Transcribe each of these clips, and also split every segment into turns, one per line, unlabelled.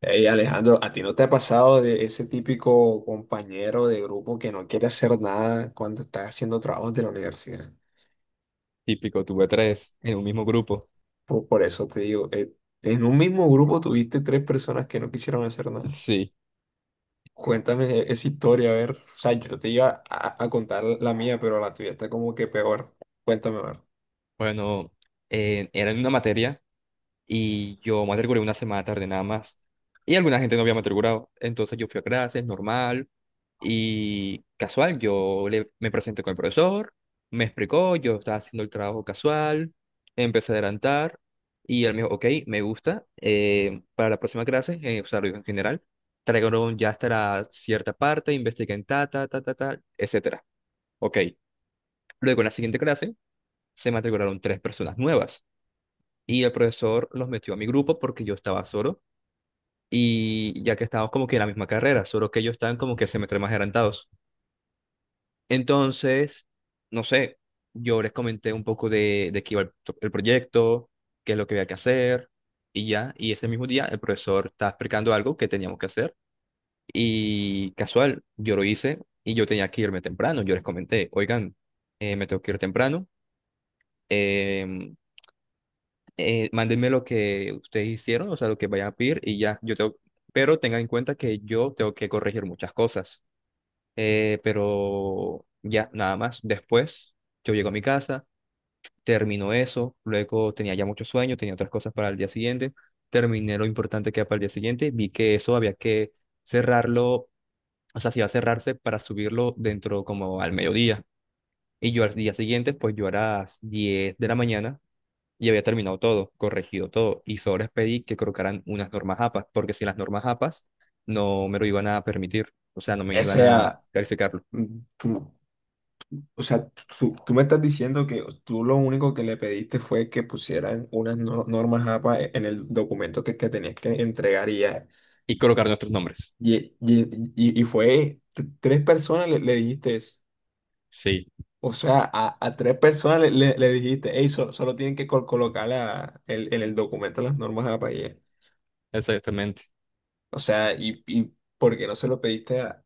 Hey Alejandro, ¿a ti no te ha pasado de ese típico compañero de grupo que no quiere hacer nada cuando estás haciendo trabajos de la universidad?
Típico, tuve tres en un mismo grupo.
Por eso te digo, en un mismo grupo tuviste tres personas que no quisieron hacer nada.
Sí,
Cuéntame esa historia, a ver. O sea, yo te iba a contar la mía, pero la tuya está como que peor. Cuéntame, a ver.
bueno, era en una materia y yo matriculé una semana tarde nada más. Y alguna gente no había matriculado. Entonces yo fui a clases, normal y casual. Me presenté con el profesor, me explicó, yo estaba haciendo el trabajo casual, empecé a adelantar y él me dijo, ok, me gusta, para la próxima clase, o sea, lo dijo en general, traigo ya hasta la cierta parte, investiguen ta, ta, ta, ta, ta, etcétera. Ok. Luego, en la siguiente clase, se matricularon tres personas nuevas y el profesor los metió a mi grupo porque yo estaba solo y ya que estábamos como que en la misma carrera, solo que ellos estaban como que semestres más adelantados. Entonces, no sé, yo les comenté un poco de qué iba el proyecto, qué es lo que había que hacer y ya. Y ese mismo día el profesor estaba explicando algo que teníamos que hacer y casual, yo lo hice y yo tenía que irme temprano. Yo les comenté, oigan, me tengo que ir temprano. eh, Mándenme lo que ustedes hicieron, o sea, lo que vayan a pedir y ya, yo tengo, pero tengan en cuenta que yo tengo que corregir muchas cosas. Pero ya, nada más. Después, yo llego a mi casa, termino eso, luego tenía ya mucho sueño, tenía otras cosas para el día siguiente, terminé lo importante que era para el día siguiente, vi que eso había que cerrarlo, o sea, si iba a cerrarse para subirlo dentro como al mediodía. Y yo al día siguiente, pues yo a las 10:00 de la mañana y había terminado todo, corregido todo, y solo les pedí que colocaran unas normas APAS, porque sin las normas APAS no me lo iban a permitir, o sea, no me
O
iban a
sea,
calificarlo,
mm, tú- o sea, tú me estás diciendo que tú lo único que le pediste fue que pusieran unas normas APA en el documento que tenías que entregar y ya.
y colocar nuestros nombres.
Y fue tres personas le dijiste eso.
Sí,
O sea, a tres personas le dijiste, hey, solo tienen que colocar en el documento las normas APA y ya.
exactamente,
O sea, ¿por qué no se lo pediste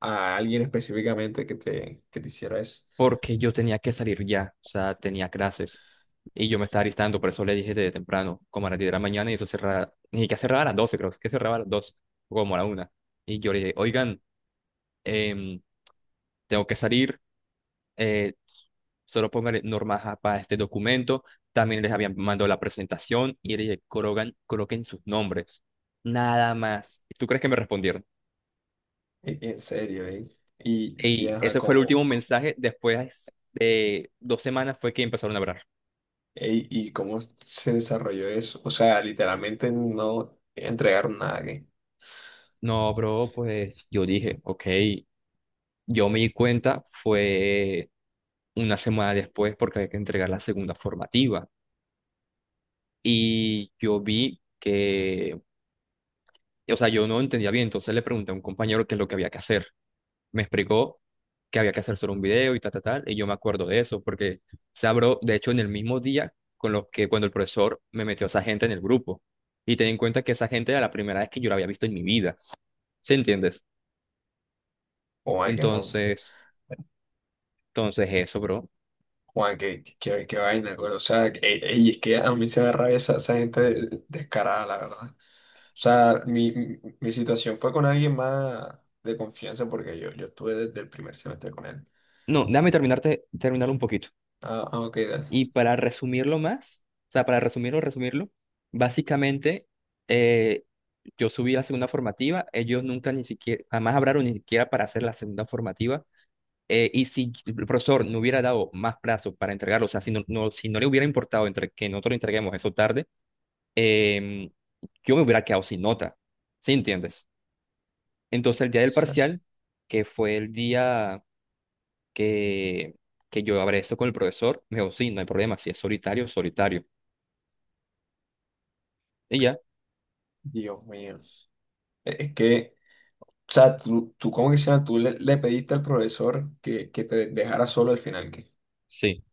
a alguien específicamente que te hiciera eso?
porque yo tenía que salir ya, o sea, tenía clases, y yo me estaba alistando, por eso le dije desde temprano, como a las 10:00 de la mañana, y eso cerraba, ni que cerraba a las 12, creo, que cerraba a las 2, como a la una y yo le dije, oigan, em, tengo que salir, eh, solo póngale norma ja para este documento. También les habían mandado la presentación y le dije, colocan, coloquen sus nombres. Nada más. ¿Tú crees que me respondieron?
En serio, ¿eh? Y
Y
ajá,
ese fue el
como.
último mensaje. Después de 2 semanas fue que empezaron a hablar.
Ey, ¿y cómo se desarrolló eso? O sea, literalmente no entregaron nada que.
No, bro, pues yo dije, ok, yo me di cuenta, fue 1 semana después porque hay que entregar la segunda formativa. Y yo vi que, o sea, yo no entendía bien, entonces le pregunté a un compañero qué es lo que había que hacer. Me explicó que había que hacer solo un video y tal, tal, tal, y yo me acuerdo de eso, porque Sabro, de hecho, en el mismo día con los que cuando el profesor me metió a esa gente en el grupo, y ten en cuenta que esa gente era la primera vez que yo la había visto en mi vida, ¿sí entiendes?
Juan, qué, mon-
Entonces, entonces eso, bro.
Juan, qué, qué vaina, güey. O sea, ey, es que a mí se me da rabia esa, esa gente descarada, la verdad. O sea, mi situación fue con alguien más de confianza porque yo estuve desde el primer semestre con él.
No, terminarlo un poquito.
Ok, dale.
Y para resumirlo más, o sea, para resumirlo, resumirlo, básicamente, eh, yo subí la segunda formativa, ellos nunca ni siquiera, jamás hablaron ni siquiera para hacer la segunda formativa. Y si el profesor no hubiera dado más plazo para entregarlo, o sea, si no le hubiera importado entre, que nosotros lo entreguemos eso tarde, em, yo me hubiera quedado sin nota, ¿sí entiendes? Entonces el día del
Ser-
parcial, que fue el día que, que yo hablé esto con el profesor, me dijo, sí, no hay problema, si es solitario, solitario. Y ya,
Dios mío. Es que, o sea, tú ¿cómo que se llama? Tú le pediste al profesor que te dejara solo al final, ¿qué?
sí,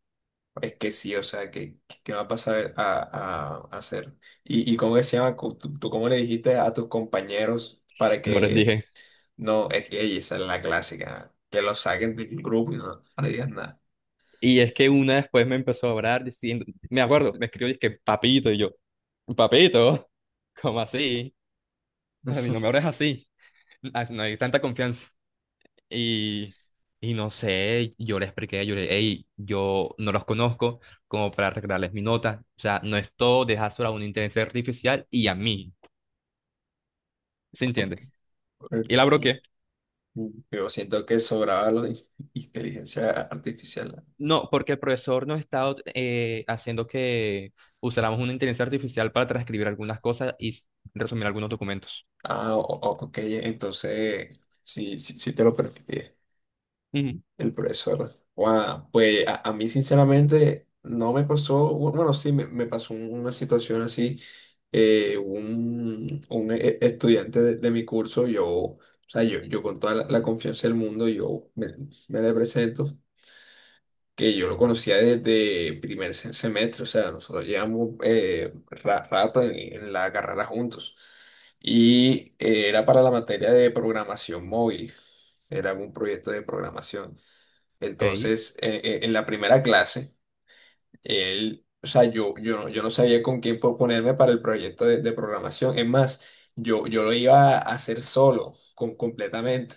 Es que sí, o sea, ¿qué, qué va a pasar a hacer? ¿Y cómo que se llama? ¿Tú, tú cómo le dijiste a tus compañeros para
no les
que
dije.
no, es que ey, esa es la clásica, que los saquen del grupo y no le digas nada?
Y es que una después me empezó a hablar diciendo, me acuerdo, me escribió, es que papito, y yo, papito, ¿cómo así? A mí no me hables así. Ah, no hay tanta confianza. Y, y no sé, yo le expliqué, yo le hey, yo no los conozco como para arreglarles mi nota. O sea, no es todo dejárselo a una inteligencia artificial y a mí, ¿sí
Ok.
entiendes? Y la bloqueé.
Yo siento que sobraba la inteligencia artificial.
No, porque el profesor nos estaba haciendo que usáramos una inteligencia artificial para transcribir algunas cosas y resumir algunos documentos.
Ah, ok, entonces, sí, sí, sí te lo permití.
Ujú.
El profesor. Guau. Pues a mí sinceramente no me pasó, bueno, sí, me pasó una situación así. Un estudiante de mi curso, yo, o sea, yo con toda la, la confianza del mundo, me le presento, que yo lo conocía desde primer semestre, o sea, nosotros llevamos rato en la carrera juntos. Y era para la materia de programación móvil, era un proyecto de programación.
Ok.
Entonces, en la primera clase, él, o sea, yo no sabía con quién proponerme para el proyecto de programación. Es más, yo lo iba a hacer solo, con, completamente.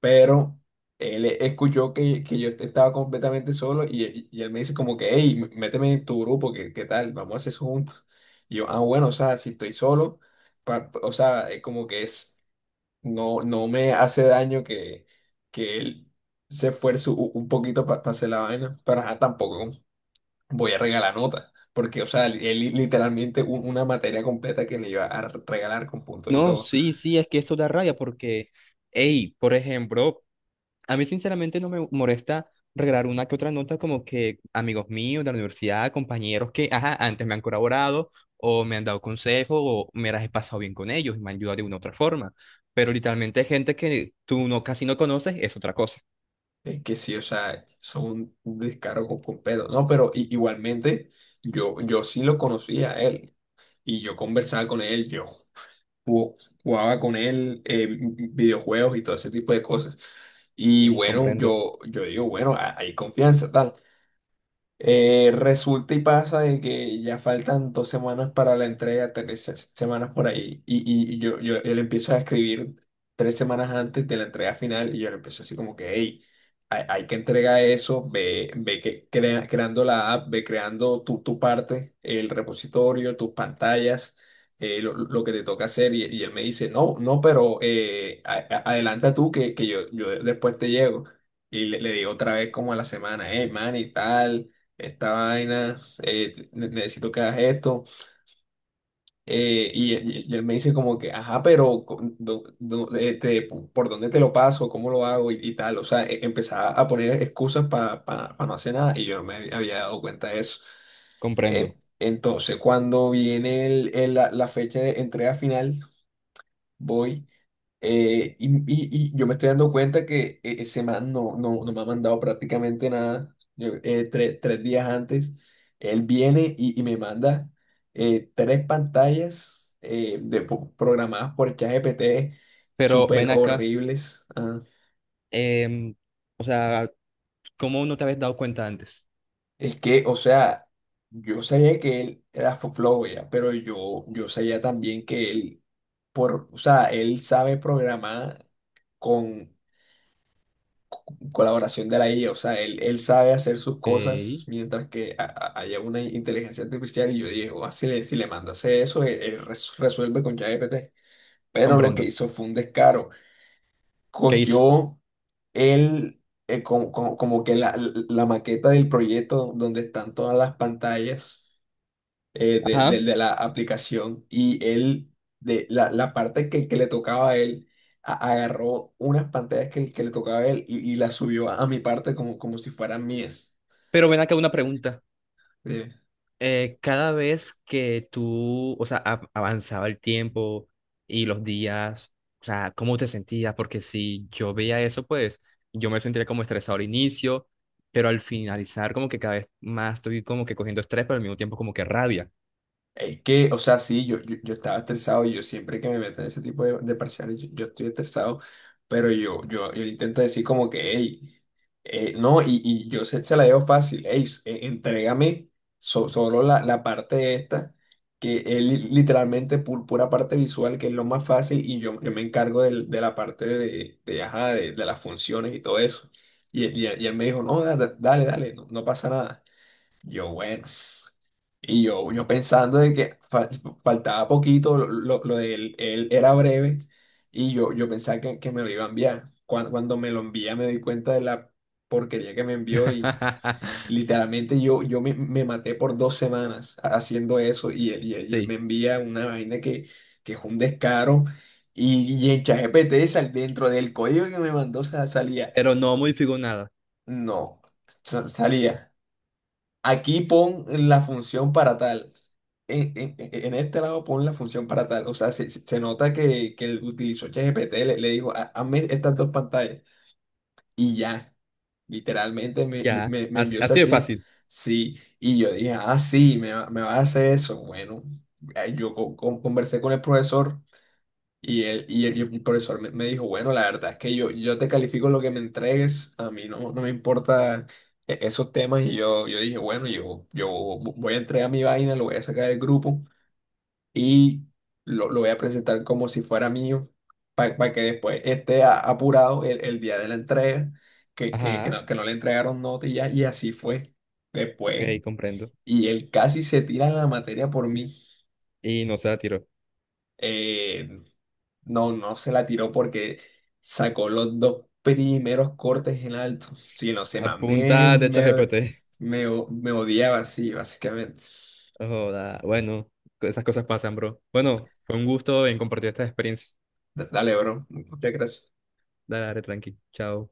Pero él escuchó que yo estaba completamente solo y, él me dice como que, hey, méteme en tu grupo, ¿qué, qué tal? Vamos a hacer eso juntos. Y yo, ah, bueno, o sea, si estoy solo, o sea, como que es... No, no me hace daño que él se esfuerce un poquito para hacer la vaina, pero ajá, tampoco voy a regalar nota, porque, o sea, él literalmente una materia completa que le iba a regalar con puntos y
No,
todo.
sí, sí, es que eso da rabia porque, hey, por ejemplo, a mí sinceramente no me molesta regalar una que otra nota como que amigos míos de la universidad, compañeros que, ajá, antes me han colaborado o me han dado consejo o me las he pasado bien con ellos y me han ayudado de una u otra forma. Pero literalmente gente que tú no, casi no conoces es otra cosa.
Es que sí, o sea, son un descaro con completo. No, pero igualmente yo sí lo conocía a él y yo conversaba con él, yo jugó- jugaba con él, videojuegos y todo ese tipo de cosas. Y
Mm,
bueno,
comprendo,
yo digo, bueno, hay confianza, tal. Resulta y pasa de que ya faltan dos semanas para la entrega, tres semanas por ahí, yo le empiezo a escribir tres semanas antes de la entrega final, y yo le empiezo así como que, hey, hay que entregar eso, ve que, creando la app, ve creando tu, tu parte, el repositorio, tus pantallas, lo que te toca hacer, y él me dice, no, no, pero adelanta tú que yo después te llego. Y le digo otra vez como a la semana, hey, man, y tal esta vaina, necesito que hagas esto. Y él me dice como que, ajá, pero ¿por dónde te lo paso? ¿Cómo lo hago? Y tal. O sea, empezaba a poner excusas para no hacer nada y yo no me había dado cuenta de eso.
comprendo.
Entonces, cuando viene la fecha de entrega final, voy y yo me estoy dando cuenta que ese man no, no me ha mandado prácticamente nada. Tres días antes, él viene y me manda tres pantallas programadas por ChatGPT
Pero
súper
ven acá,
horribles. Ah.
em, o sea, ¿cómo no te habías dado cuenta antes?
Es que, o sea, yo sabía que él era flojo ya, pero yo sabía también que él, por, o sea, él sabe programar, con colaboración de la IA, o sea, él sabe hacer sus
Ok,
cosas mientras que haya una inteligencia artificial y yo dije: "Oh, si le mando a hacer eso, él resuelve con ChatGPT". Pero lo que
comprendo.
hizo fue un descaro.
¿Qué hizo?
Cogió él, como que la maqueta del proyecto donde están todas las pantallas
Ajá.
de la aplicación y él, de la, la parte que le tocaba a él, agarró unas pantallas que le tocaba a él y las subió a mi parte como, como si fueran mías.
Pero ven acá una pregunta.
¿Sí?
Cada vez que tú, o sea, avanzaba el tiempo y los días, o sea, ¿cómo te sentías? Porque si yo veía eso, pues yo me sentía como estresado al inicio, pero al finalizar como que cada vez más estoy como que cogiendo estrés, pero al mismo tiempo como que rabia.
Es que, o sea, sí, yo estaba estresado y yo siempre que me meto en ese tipo de parciales, yo estoy estresado, pero yo le intento decir como que, hey, no, y yo se la dejo fácil, hey, entrégame solo la, la parte esta, que es literalmente pura parte visual, que es lo más fácil, y yo me encargo de la parte de, ajá, de las funciones y todo eso. Y él me dijo, no, dale, dale, no, no pasa nada. Yo, bueno. Yo pensando de que faltaba poquito, lo de él, él era breve, y yo pensaba que me lo iba a enviar. Cuando me lo envía me di cuenta de la porquería que me envió y literalmente me maté por dos semanas haciendo eso y él me
Sí,
envía una vaina que es un descaro y en ChatGPT dentro del código que me mandó salía,
pero no modifico nada.
no, salía: "Aquí pon la función para tal. En, en este lado pon la función para tal". O sea, se nota que él utilizó ChatGPT, le dijo: Hazme estas dos pantallas". Y ya, literalmente
Ya,
me
así,
envió eso
así de
así.
fácil.
Sí, sí. Y yo dije, ah, sí, me va a hacer eso. Bueno, yo conversé con el profesor. Y el profesor me, me dijo, bueno, la verdad es que yo te califico lo que me entregues, a mí no, no me importa esos temas. Y yo dije, bueno, yo voy a entregar mi vaina, lo voy a sacar del grupo y lo voy a presentar como si fuera mío, para que después esté apurado el día de la entrega,
Ajá,
que no le entregaron nota y ya, y así fue
ok,
después.
comprendo.
Y él casi se tira la materia por mí.
Y no se la tiro.
Eh, no, no se la tiró porque sacó los dos primeros cortes en alto. Sí, no sé, más
Apunta de ChatGPT.
me odiaba así, básicamente.
No Joda, bueno, esas cosas pasan, bro. Bueno, fue un gusto en compartir estas experiencias.
Dale, bro. Muchas gracias.
Dale, dale, tranqui. Chao.